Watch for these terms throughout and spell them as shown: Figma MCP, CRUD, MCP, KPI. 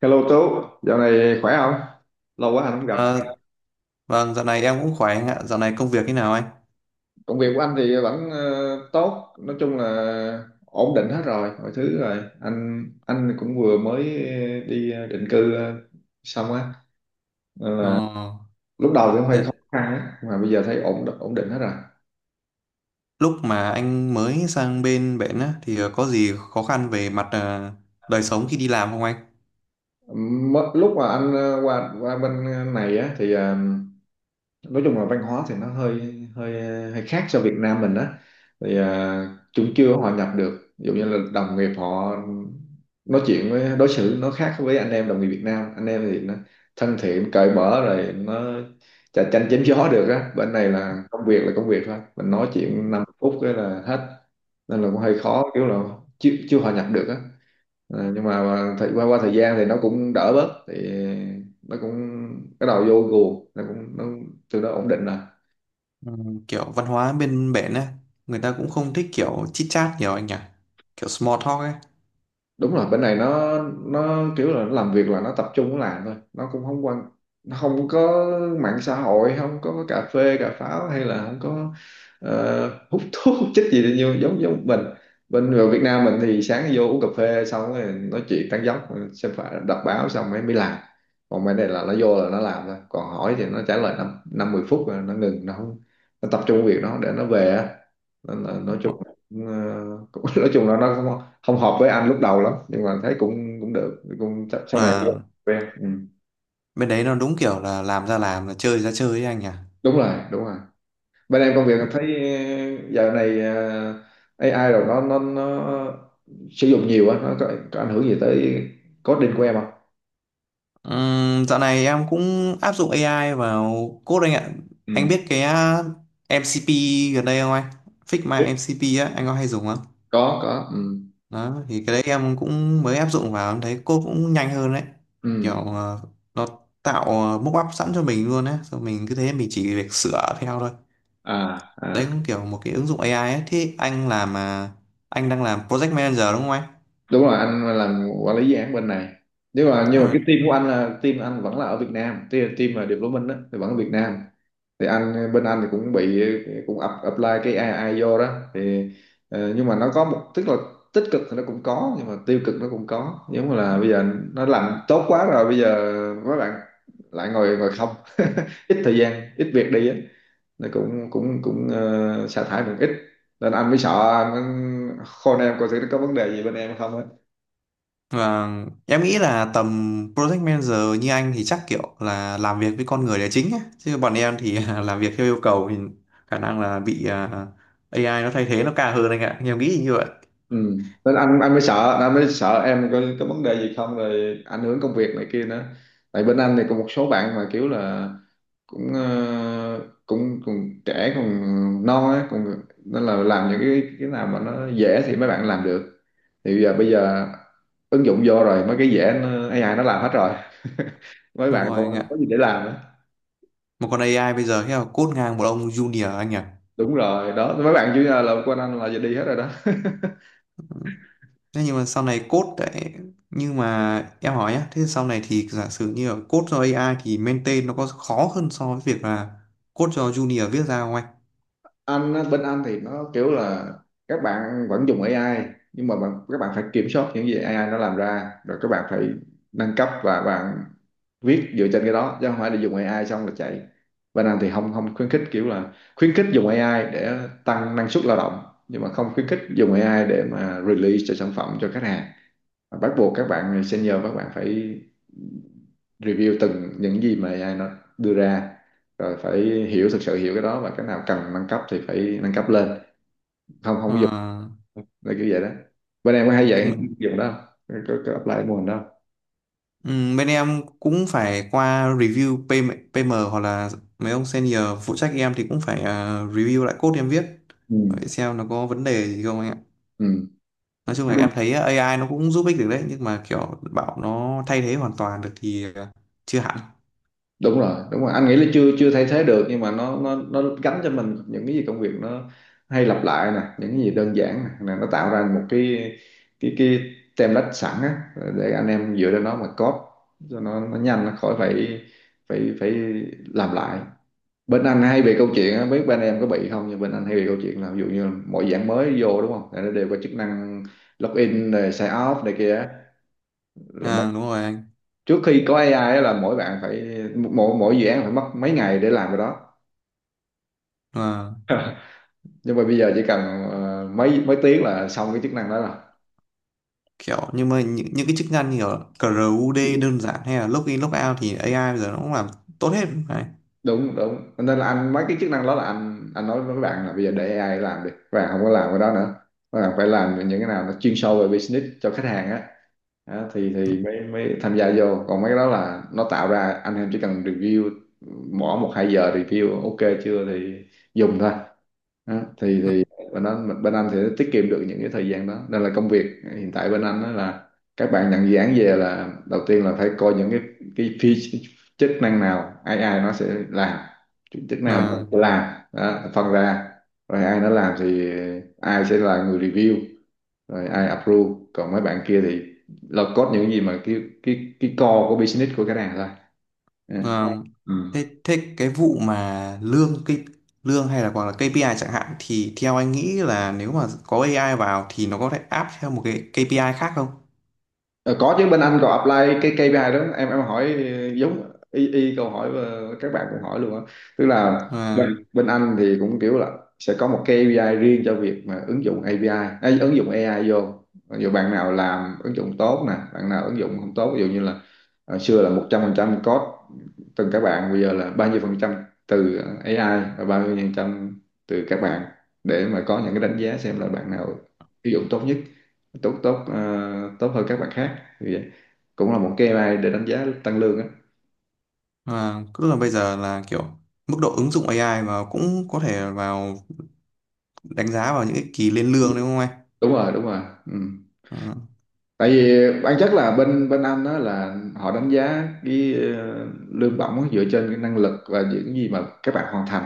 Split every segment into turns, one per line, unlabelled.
Hello Tú, dạo này khỏe không? Lâu quá anh không gặp.
Ờ, vâng, dạo này em cũng khỏe anh ạ. Dạo này công việc thế nào anh?
Công việc của anh thì vẫn tốt, nói chung là ổn định hết rồi, mọi thứ rồi. Anh cũng vừa mới đi định cư xong á, nên
Ờ,
là lúc đầu thì cũng hơi khó
thế
khăn á, mà bây giờ thấy ổn ổn định hết rồi.
lúc mà anh mới sang bên bển á, thì có gì khó khăn về mặt đời sống khi đi làm không anh?
Lúc mà anh qua qua bên này á thì nói chung là văn hóa thì nó hơi hơi hơi khác so Việt Nam mình á, thì chúng chưa hòa nhập được, ví dụ như là đồng nghiệp họ nói chuyện với đối xử nó khác với anh em đồng nghiệp Việt Nam. Anh em thì nó thân thiện cởi mở, rồi nó chà chanh chém gió được á. Bên này là công việc thôi, mình nói chuyện 5 phút cái là hết, nên là cũng hơi khó, kiểu là chưa hòa nhập được á. Nhưng mà qua qua thời gian thì nó cũng đỡ bớt, thì nó cũng bắt đầu vô guồng, từ đó ổn định rồi.
Ừ, kiểu văn hóa bên bển á, người ta cũng không thích kiểu chit chat nhiều anh nhỉ? Kiểu small talk ấy.
Đúng rồi, bên này nó, kiểu là nó làm việc là nó tập trung nó làm thôi, nó cũng không quan, nó không có mạng xã hội, không có cà phê cà pháo, hay là không có hút thuốc hút chích gì nhiều giống giống mình. Bên ở Việt Nam mình thì sáng vô uống cà phê xong rồi nói chuyện tán dóc, xem phải đọc báo xong mới mới làm, còn bên này là nó vô là nó làm thôi, còn hỏi thì nó trả lời năm năm mười phút rồi nó ngừng, nó không, nó tập trung việc nó để nó về á. Nên là nói chung, Ờ, nói chung là nó không hợp với anh lúc đầu lắm, nhưng mà thấy cũng cũng được, cũng chắc sau này
Mà
quen. Ừ.
bên đấy nó đúng kiểu là làm ra làm, là chơi ra chơi ấy anh nhỉ?
Đúng rồi, đúng rồi, bên em công việc thấy giờ này AI rồi nó sử dụng nhiều á, nó có ảnh hưởng gì tới coding của em không?
Dạo này em cũng áp dụng AI vào code anh ạ. Anh
Ừ.
biết cái MCP gần đây không anh? Figma MCP á, anh có hay dùng không?
có. Ừ.
Đó, thì cái đấy em cũng mới áp dụng vào, em thấy code cũng nhanh hơn đấy. Kiểu
Ừ.
à, nó tạo mockup sẵn cho mình luôn á, rồi mình cứ thế mình chỉ việc sửa theo thôi.
à
Đấy
à
cũng kiểu một cái ứng dụng AI ấy. Thế anh làm anh đang làm project manager đúng không anh?
Đúng rồi, anh làm quản lý dự án bên này, nhưng mà
Ờ,
cái team của anh là team anh vẫn là ở Việt Nam, team team mà development đó, thì vẫn ở Việt Nam. Thì anh, bên anh thì cũng bị cũng apply cái AI vô đó thì nhưng mà nó có một, tức là tích cực thì nó cũng có, nhưng mà tiêu cực nó cũng có. Giống như là bây giờ nó làm tốt quá rồi, bây giờ mấy bạn lại ngồi ngồi không, ít thời gian, ít việc đi á, nó cũng cũng cũng sa thải cũng ít, nên anh mới sợ, anh khôn em coi thử nó có vấn đề gì bên em không á.
Và em nghĩ là tầm project manager như anh thì chắc kiểu là làm việc với con người là chính ấy. Chứ bọn em thì làm việc theo yêu cầu thì khả năng là bị AI nó thay thế nó cao hơn anh ạ. Em nghĩ như vậy.
Ừ. Nên anh mới sợ, em có vấn đề gì không, rồi ảnh hưởng công việc này kia nữa. Tại bên anh thì có một số bạn mà kiểu là cũng cũng còn trẻ, còn non á, còn nên là làm những cái nào mà nó dễ thì mấy bạn làm được, thì bây giờ ứng dụng vô rồi, mấy cái dễ nó, AI nó làm hết rồi. Mấy
Đúng
bạn
rồi
còn
anh
không có
ạ.
gì để làm á.
Một con AI bây giờ thế là code ngang một ông junior anh ạ.
Đúng rồi đó, mấy bạn chủ nhà là quanh anh là giờ đi hết rồi đó.
Thế nhưng mà sau này code đấy nhưng mà em hỏi nhá, thế sau này thì giả sử như là code cho AI thì maintain nó có khó hơn so với việc là code cho junior viết ra không anh?
Anh á, bên anh thì nó kiểu là các bạn vẫn dùng AI, nhưng mà các bạn phải kiểm soát những gì AI nó làm ra, rồi các bạn phải nâng cấp và bạn viết dựa trên cái đó, chứ không phải là dùng AI xong là chạy. Bên anh thì không, không khuyến khích kiểu là, khuyến khích dùng AI để tăng năng suất lao động, nhưng mà không khuyến khích dùng AI để mà release cho sản phẩm cho khách hàng. Bắt buộc các bạn senior, các bạn phải review từng những gì mà AI nó đưa ra, rồi phải hiểu, thực sự hiểu cái đó, và cái nào cần nâng cấp thì phải nâng cấp lên. Không, không, ví dụ là kiểu vậy đó. Bên em có hay
Ờ,
dạy dụng đó không, có apply cái mô hình đó
Ừ, bên em cũng phải qua review PM hoặc là mấy ông senior phụ trách em thì cũng phải review lại code em viết
không?
để xem nó có vấn đề gì không anh ạ.
Ừ.
Nói chung là
Ừ.
em thấy AI nó cũng giúp ích được đấy nhưng mà kiểu bảo nó thay thế hoàn toàn được thì chưa hẳn.
Đúng rồi, đúng rồi, anh nghĩ là chưa chưa thay thế được, nhưng mà nó gắn cho mình những cái gì công việc nó hay lặp lại nè, những cái gì đơn giản nè. Là nó tạo ra một cái template sẵn á, để anh em dựa trên nó mà code cho nó nhanh, nó khỏi phải phải phải làm lại. Bên anh hay bị câu chuyện á, biết bên em có bị không, nhưng bên anh hay bị câu chuyện là, ví dụ như là mọi dạng mới vô đúng không, là nó đều có chức năng login rồi sign off này kia á.
À, đúng rồi anh.
Trước khi có AI á là mỗi bạn phải, mỗi mỗi dự án phải mất mấy ngày để làm cái đó,
À,
nhưng mà bây giờ chỉ cần mấy mấy tiếng là xong cái chức năng đó rồi.
kiểu nhưng mà những cái chức năng như kiểu CRUD đơn giản hay là login logout thì AI bây giờ nó cũng làm tốt hết. Đấy.
Đúng đúng, nên là anh, mấy cái chức năng đó là anh nói với các bạn là bây giờ để AI làm đi, các bạn không có làm cái đó nữa, các bạn phải làm những cái nào nó chuyên sâu về business cho khách hàng á. Đó, thì
Ừ.
thì mới mới tham gia vô, còn mấy cái đó là nó tạo ra, anh em chỉ cần review, bỏ một hai giờ review ok chưa thì dùng thôi. Đó, thì
Ừ.
thì bên anh sẽ tiết kiệm được những cái thời gian đó, nên là công việc hiện tại bên anh đó là, các bạn nhận dự án về là đầu tiên là phải coi những cái phi chức năng nào ai ai nó sẽ làm, Chức chức nào mà
À.
sẽ làm đó, phân ra, rồi AI nó làm thì ai sẽ là người review, rồi ai approve, còn mấy bạn kia thì là code những cái gì mà cái core của business của cái này thôi. Ừ.
Vâng.
Ừ.
Thế cái vụ mà lương hay là hoặc là KPI chẳng hạn thì theo anh nghĩ là nếu mà có AI vào thì nó có thể áp theo một cái KPI khác không?
Ờ, có chứ, bên anh có apply cái KPI đó. Em hỏi, giống y y câu hỏi các bạn cũng hỏi luôn á, tức là Ừ.
Vâng.
Bên anh thì cũng kiểu là sẽ có một KPI riêng cho việc mà ứng dụng API ấy, ứng dụng AI vô, ví dụ bạn nào làm ứng dụng tốt nè, bạn nào ứng dụng không tốt, ví dụ như là xưa là 100% code từng các bạn, bây giờ là bao nhiêu phần trăm từ AI và bao nhiêu phần trăm từ các bạn, để mà có những cái đánh giá xem là bạn nào ứng dụng tốt nhất, tốt tốt tốt hơn các bạn khác. Như vậy cũng là một cái AI để đánh giá tăng lương á.
Vâng. Tức là bây giờ là kiểu mức độ ứng dụng AI vào cũng có thể vào đánh giá vào những cái kỳ lên
Ừ.
lương đúng không anh?
Đúng rồi, đúng rồi. Ừ.
Vâng.
Tại vì bản chất là bên bên anh đó là họ đánh giá cái lương bổng á dựa trên cái năng lực và những gì mà các bạn hoàn thành.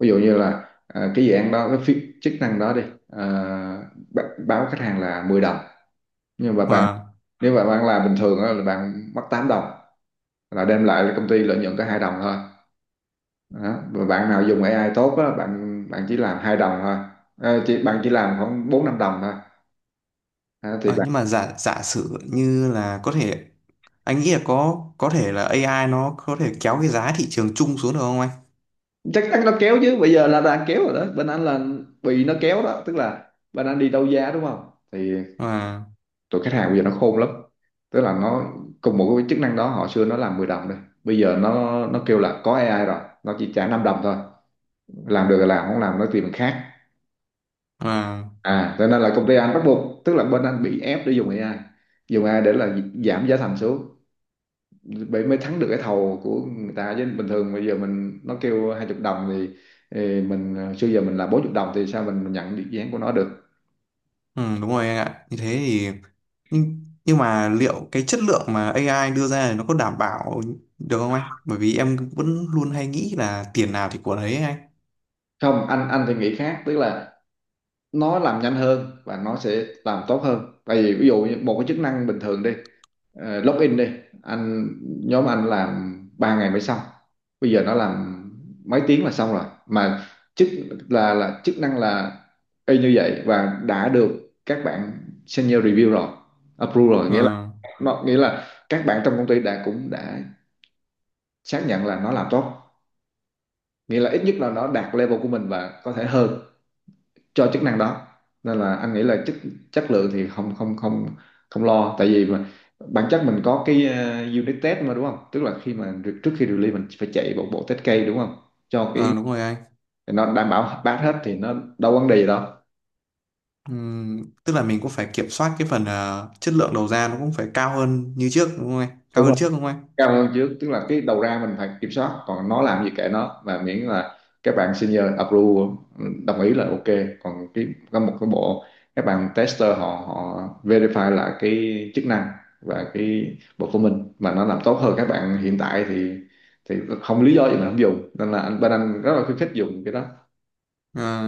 Ví dụ như là cái dự án đó, cái chức năng đó đi, ờ, báo khách hàng là 10 đồng, nhưng mà
Vâng.
nếu mà bạn làm bình thường á là bạn mất 8 đồng, là đem lại là công ty lợi nhuận có 2 đồng thôi. Đó. Và bạn nào dùng AI tốt á, bạn bạn chỉ làm hai đồng thôi. Ờ, chỉ bạn chỉ làm khoảng bốn năm đồng thôi. Đó, thì
Ờ,
bạn
Nhưng mà giả giả sử như là có thể anh nghĩ là có thể là AI nó có thể kéo cái giá thị trường chung xuống được không anh?
chắc chắn nó kéo chứ, bây giờ là đang kéo rồi đó. Bên anh là bị nó kéo đó, tức là bên anh đi đấu giá đúng không, thì
Vâng.
tụi khách hàng bây giờ nó khôn lắm. Tức là nó cùng một cái chức năng đó, họ xưa nó làm 10 đồng thôi, bây giờ nó kêu là có AI rồi, nó chỉ trả 5 đồng thôi. Làm được là làm, không làm nó tìm người khác.
Vâng.
À, cho nên là công ty anh bắt buộc, tức là bên anh bị ép để dùng AI, dùng AI để là giảm giá thành xuống, mới mới thắng được cái thầu của người ta. Chứ bình thường bây giờ mình nó kêu hai chục đồng thì mình xưa giờ mình là bốn chục đồng thì sao mình nhận được dự án của nó được.
Ừ, đúng rồi anh ạ. Như thế thì nhưng mà liệu cái chất lượng mà AI đưa ra thì nó có đảm bảo được không anh? Bởi vì em vẫn luôn hay nghĩ là tiền nào thì của đấy ấy anh.
Không, anh thì nghĩ khác, tức là nó làm nhanh hơn và nó sẽ làm tốt hơn. Tại vì ví dụ như một cái chức năng bình thường đi, login đi, anh nhóm anh làm 3 ngày mới xong, bây giờ nó làm mấy tiếng là xong rồi mà. Chức là chức năng là y như vậy, và đã được các bạn senior review rồi, approve rồi, nghĩa là
Ờ,
nó nghĩa là các bạn trong công ty đã cũng đã xác nhận là nó làm tốt, nghĩa là ít nhất là nó đạt level của mình và có thể hơn cho chức năng đó. Nên là anh nghĩ là chất chất lượng thì không không lo. Tại vì mà bản chất mình có cái unit test mà đúng không, tức là khi mà trước khi release mình phải chạy một bộ test case đúng không cho cái.
ờ, đúng rồi anh.
Nó đảm bảo pass hết thì nó đâu vấn đề gì đâu.
Tức là mình cũng phải kiểm soát cái phần chất lượng đầu ra nó cũng phải cao hơn như trước đúng không anh? Cao
Đúng
hơn
rồi,
trước đúng không anh?
cao hơn trước, tức là cái đầu ra mình phải kiểm soát, còn nó làm gì kệ nó, và miễn là các bạn senior approve đồng ý là ok. Còn cái có một cái bộ các bạn tester họ họ verify lại cái chức năng, và cái bộ của mình mà nó làm tốt hơn các bạn hiện tại thì không lý do gì mà không dùng. Nên là anh bên anh rất là khuyến khích dùng cái đó.
Ờ,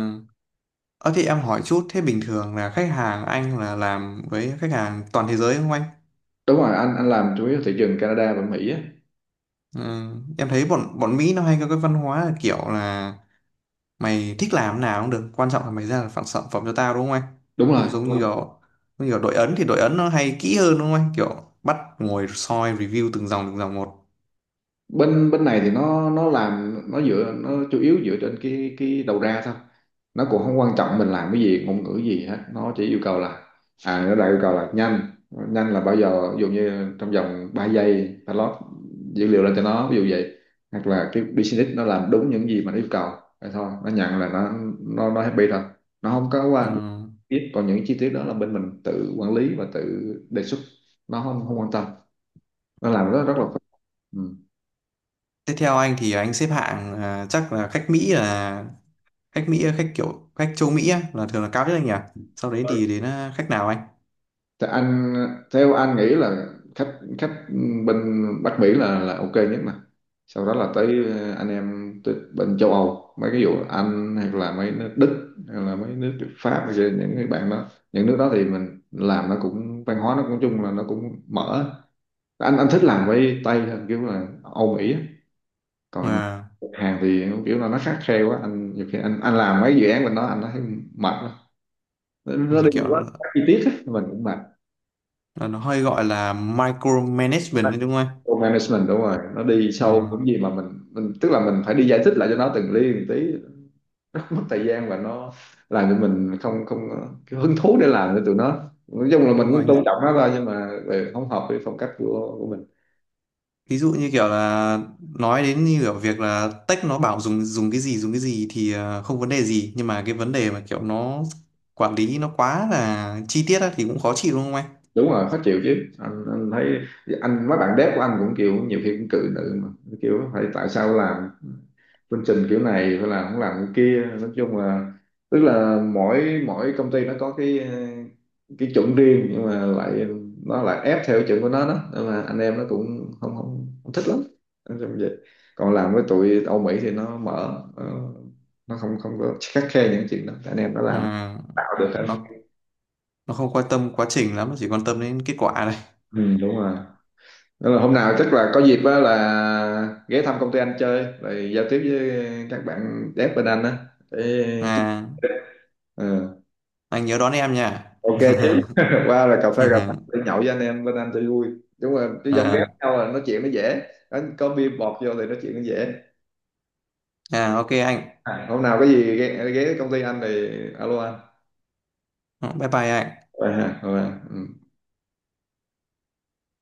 thì em hỏi chút thế bình thường là khách hàng anh là làm với khách hàng toàn thế giới đúng không anh?
Đúng rồi, anh làm chủ yếu thị trường Canada và Mỹ á.
Ờ, em thấy bọn bọn Mỹ nó hay có cái văn hóa là kiểu là mày thích làm nào cũng được, quan trọng là mày ra được phản sản phẩm cho tao đúng không anh,
Đúng rồi,
không giống như kiểu đội ấn thì đội ấn nó hay kỹ hơn đúng không anh, kiểu bắt ngồi soi review từng dòng một.
bên bên này thì nó làm nó dựa, nó chủ yếu dựa trên cái đầu ra thôi. Nó cũng không quan trọng mình làm cái gì, ngôn ngữ gì hết, nó chỉ yêu cầu là à, nó đã yêu cầu là nhanh. Nhanh là bao giờ, ví dụ như trong vòng 3 giây ta lót dữ liệu lên cho nó, ví dụ vậy. Hoặc là cái business nó làm đúng những gì mà nó yêu cầu, vậy thôi nó nhận, là nó nó happy thôi. Nó không có
Ừ.
qua biết, còn những chi tiết đó là bên mình tự quản lý và tự đề xuất, nó không không quan tâm. Nó làm rất rất là phức.
Tiếp theo anh thì anh xếp hạng chắc là khách Mỹ khách kiểu khách châu Mỹ á, là thường là cao nhất anh nhỉ, sau đấy
Ừ.
thì đến khách nào anh
Thì anh theo anh nghĩ là khách khách bên Bắc Mỹ là ok nhất. Mà sau đó là tới anh em tới bên châu Âu, mấy cái vụ Anh hay là mấy nước Đức hay là mấy nước Pháp hay là những cái bạn đó. Những nước đó thì mình làm nó cũng văn hóa nó cũng chung là nó cũng mở. Anh thích làm với Tây hơn, kiểu là Âu Mỹ á. Còn
mà
Hàn thì kiểu là nó khắt khe quá anh, nhiều khi anh làm mấy dự án bên đó anh thấy mệt lắm. nó,
ừ,
nó đi
kiểu
quá chi tiết á, mình cũng mệt.
là nó hơi gọi là micromanagement đấy đúng không
Load management đúng rồi, nó đi sâu những
anh?
gì mà mình, tức là mình phải đi giải thích lại cho nó từng ly từng tí, nó mất thời gian và nó làm cho mình không không cái hứng thú để làm cho tụi nó. Nói chung là
Ừ,
mình
đúng
cũng tôn
rồi,
trọng nó thôi, nhưng mà về không hợp với phong cách của mình.
ví dụ như kiểu là nói đến như kiểu việc là tech nó bảo dùng dùng cái gì thì không vấn đề gì nhưng mà cái vấn đề mà kiểu nó quản lý nó quá là chi tiết á, thì cũng khó chịu đúng không anh?
Đúng rồi, khó chịu chứ anh thấy anh mấy bạn dev của anh cũng kiểu nhiều khi cũng cự nữ mà, kiểu phải tại sao làm chương trình kiểu này phải làm không làm cái kia. Nói chung là tức là mỗi mỗi công ty nó có cái cái chuẩn riêng, nhưng mà lại nó lại ép theo cái chuẩn của nó đó, nên mà anh em nó cũng không không, không thích lắm. Nói chung vậy, còn làm với tụi Âu Mỹ thì nó mở. Ờ, nó không không có khắt khe những chuyện đó, anh em nó làm
à,
tạo được hết.
nó nó không quan tâm quá trình lắm, nó chỉ quan tâm đến kết quả này.
Ừ, đúng rồi. Nên là hôm nào chắc là có dịp á là ghé thăm công ty anh chơi, rồi giao tiếp với các bạn dev bên anh á để...
À,
Ừ.
anh nhớ đón em nha
Ok chứ qua là cà phê để nhậu với anh em bên anh cho vui. Đúng rồi, chứ dân ghét
à,
à, nhau là nói chuyện nó dễ. Đánh có bia bọt vô thì nói chuyện nó dễ.
à ok anh,
À, hôm nào có gì ghé, ghé công ty anh thì alo anh.
bye bye anh.
Vậy hả, rồi, ừ.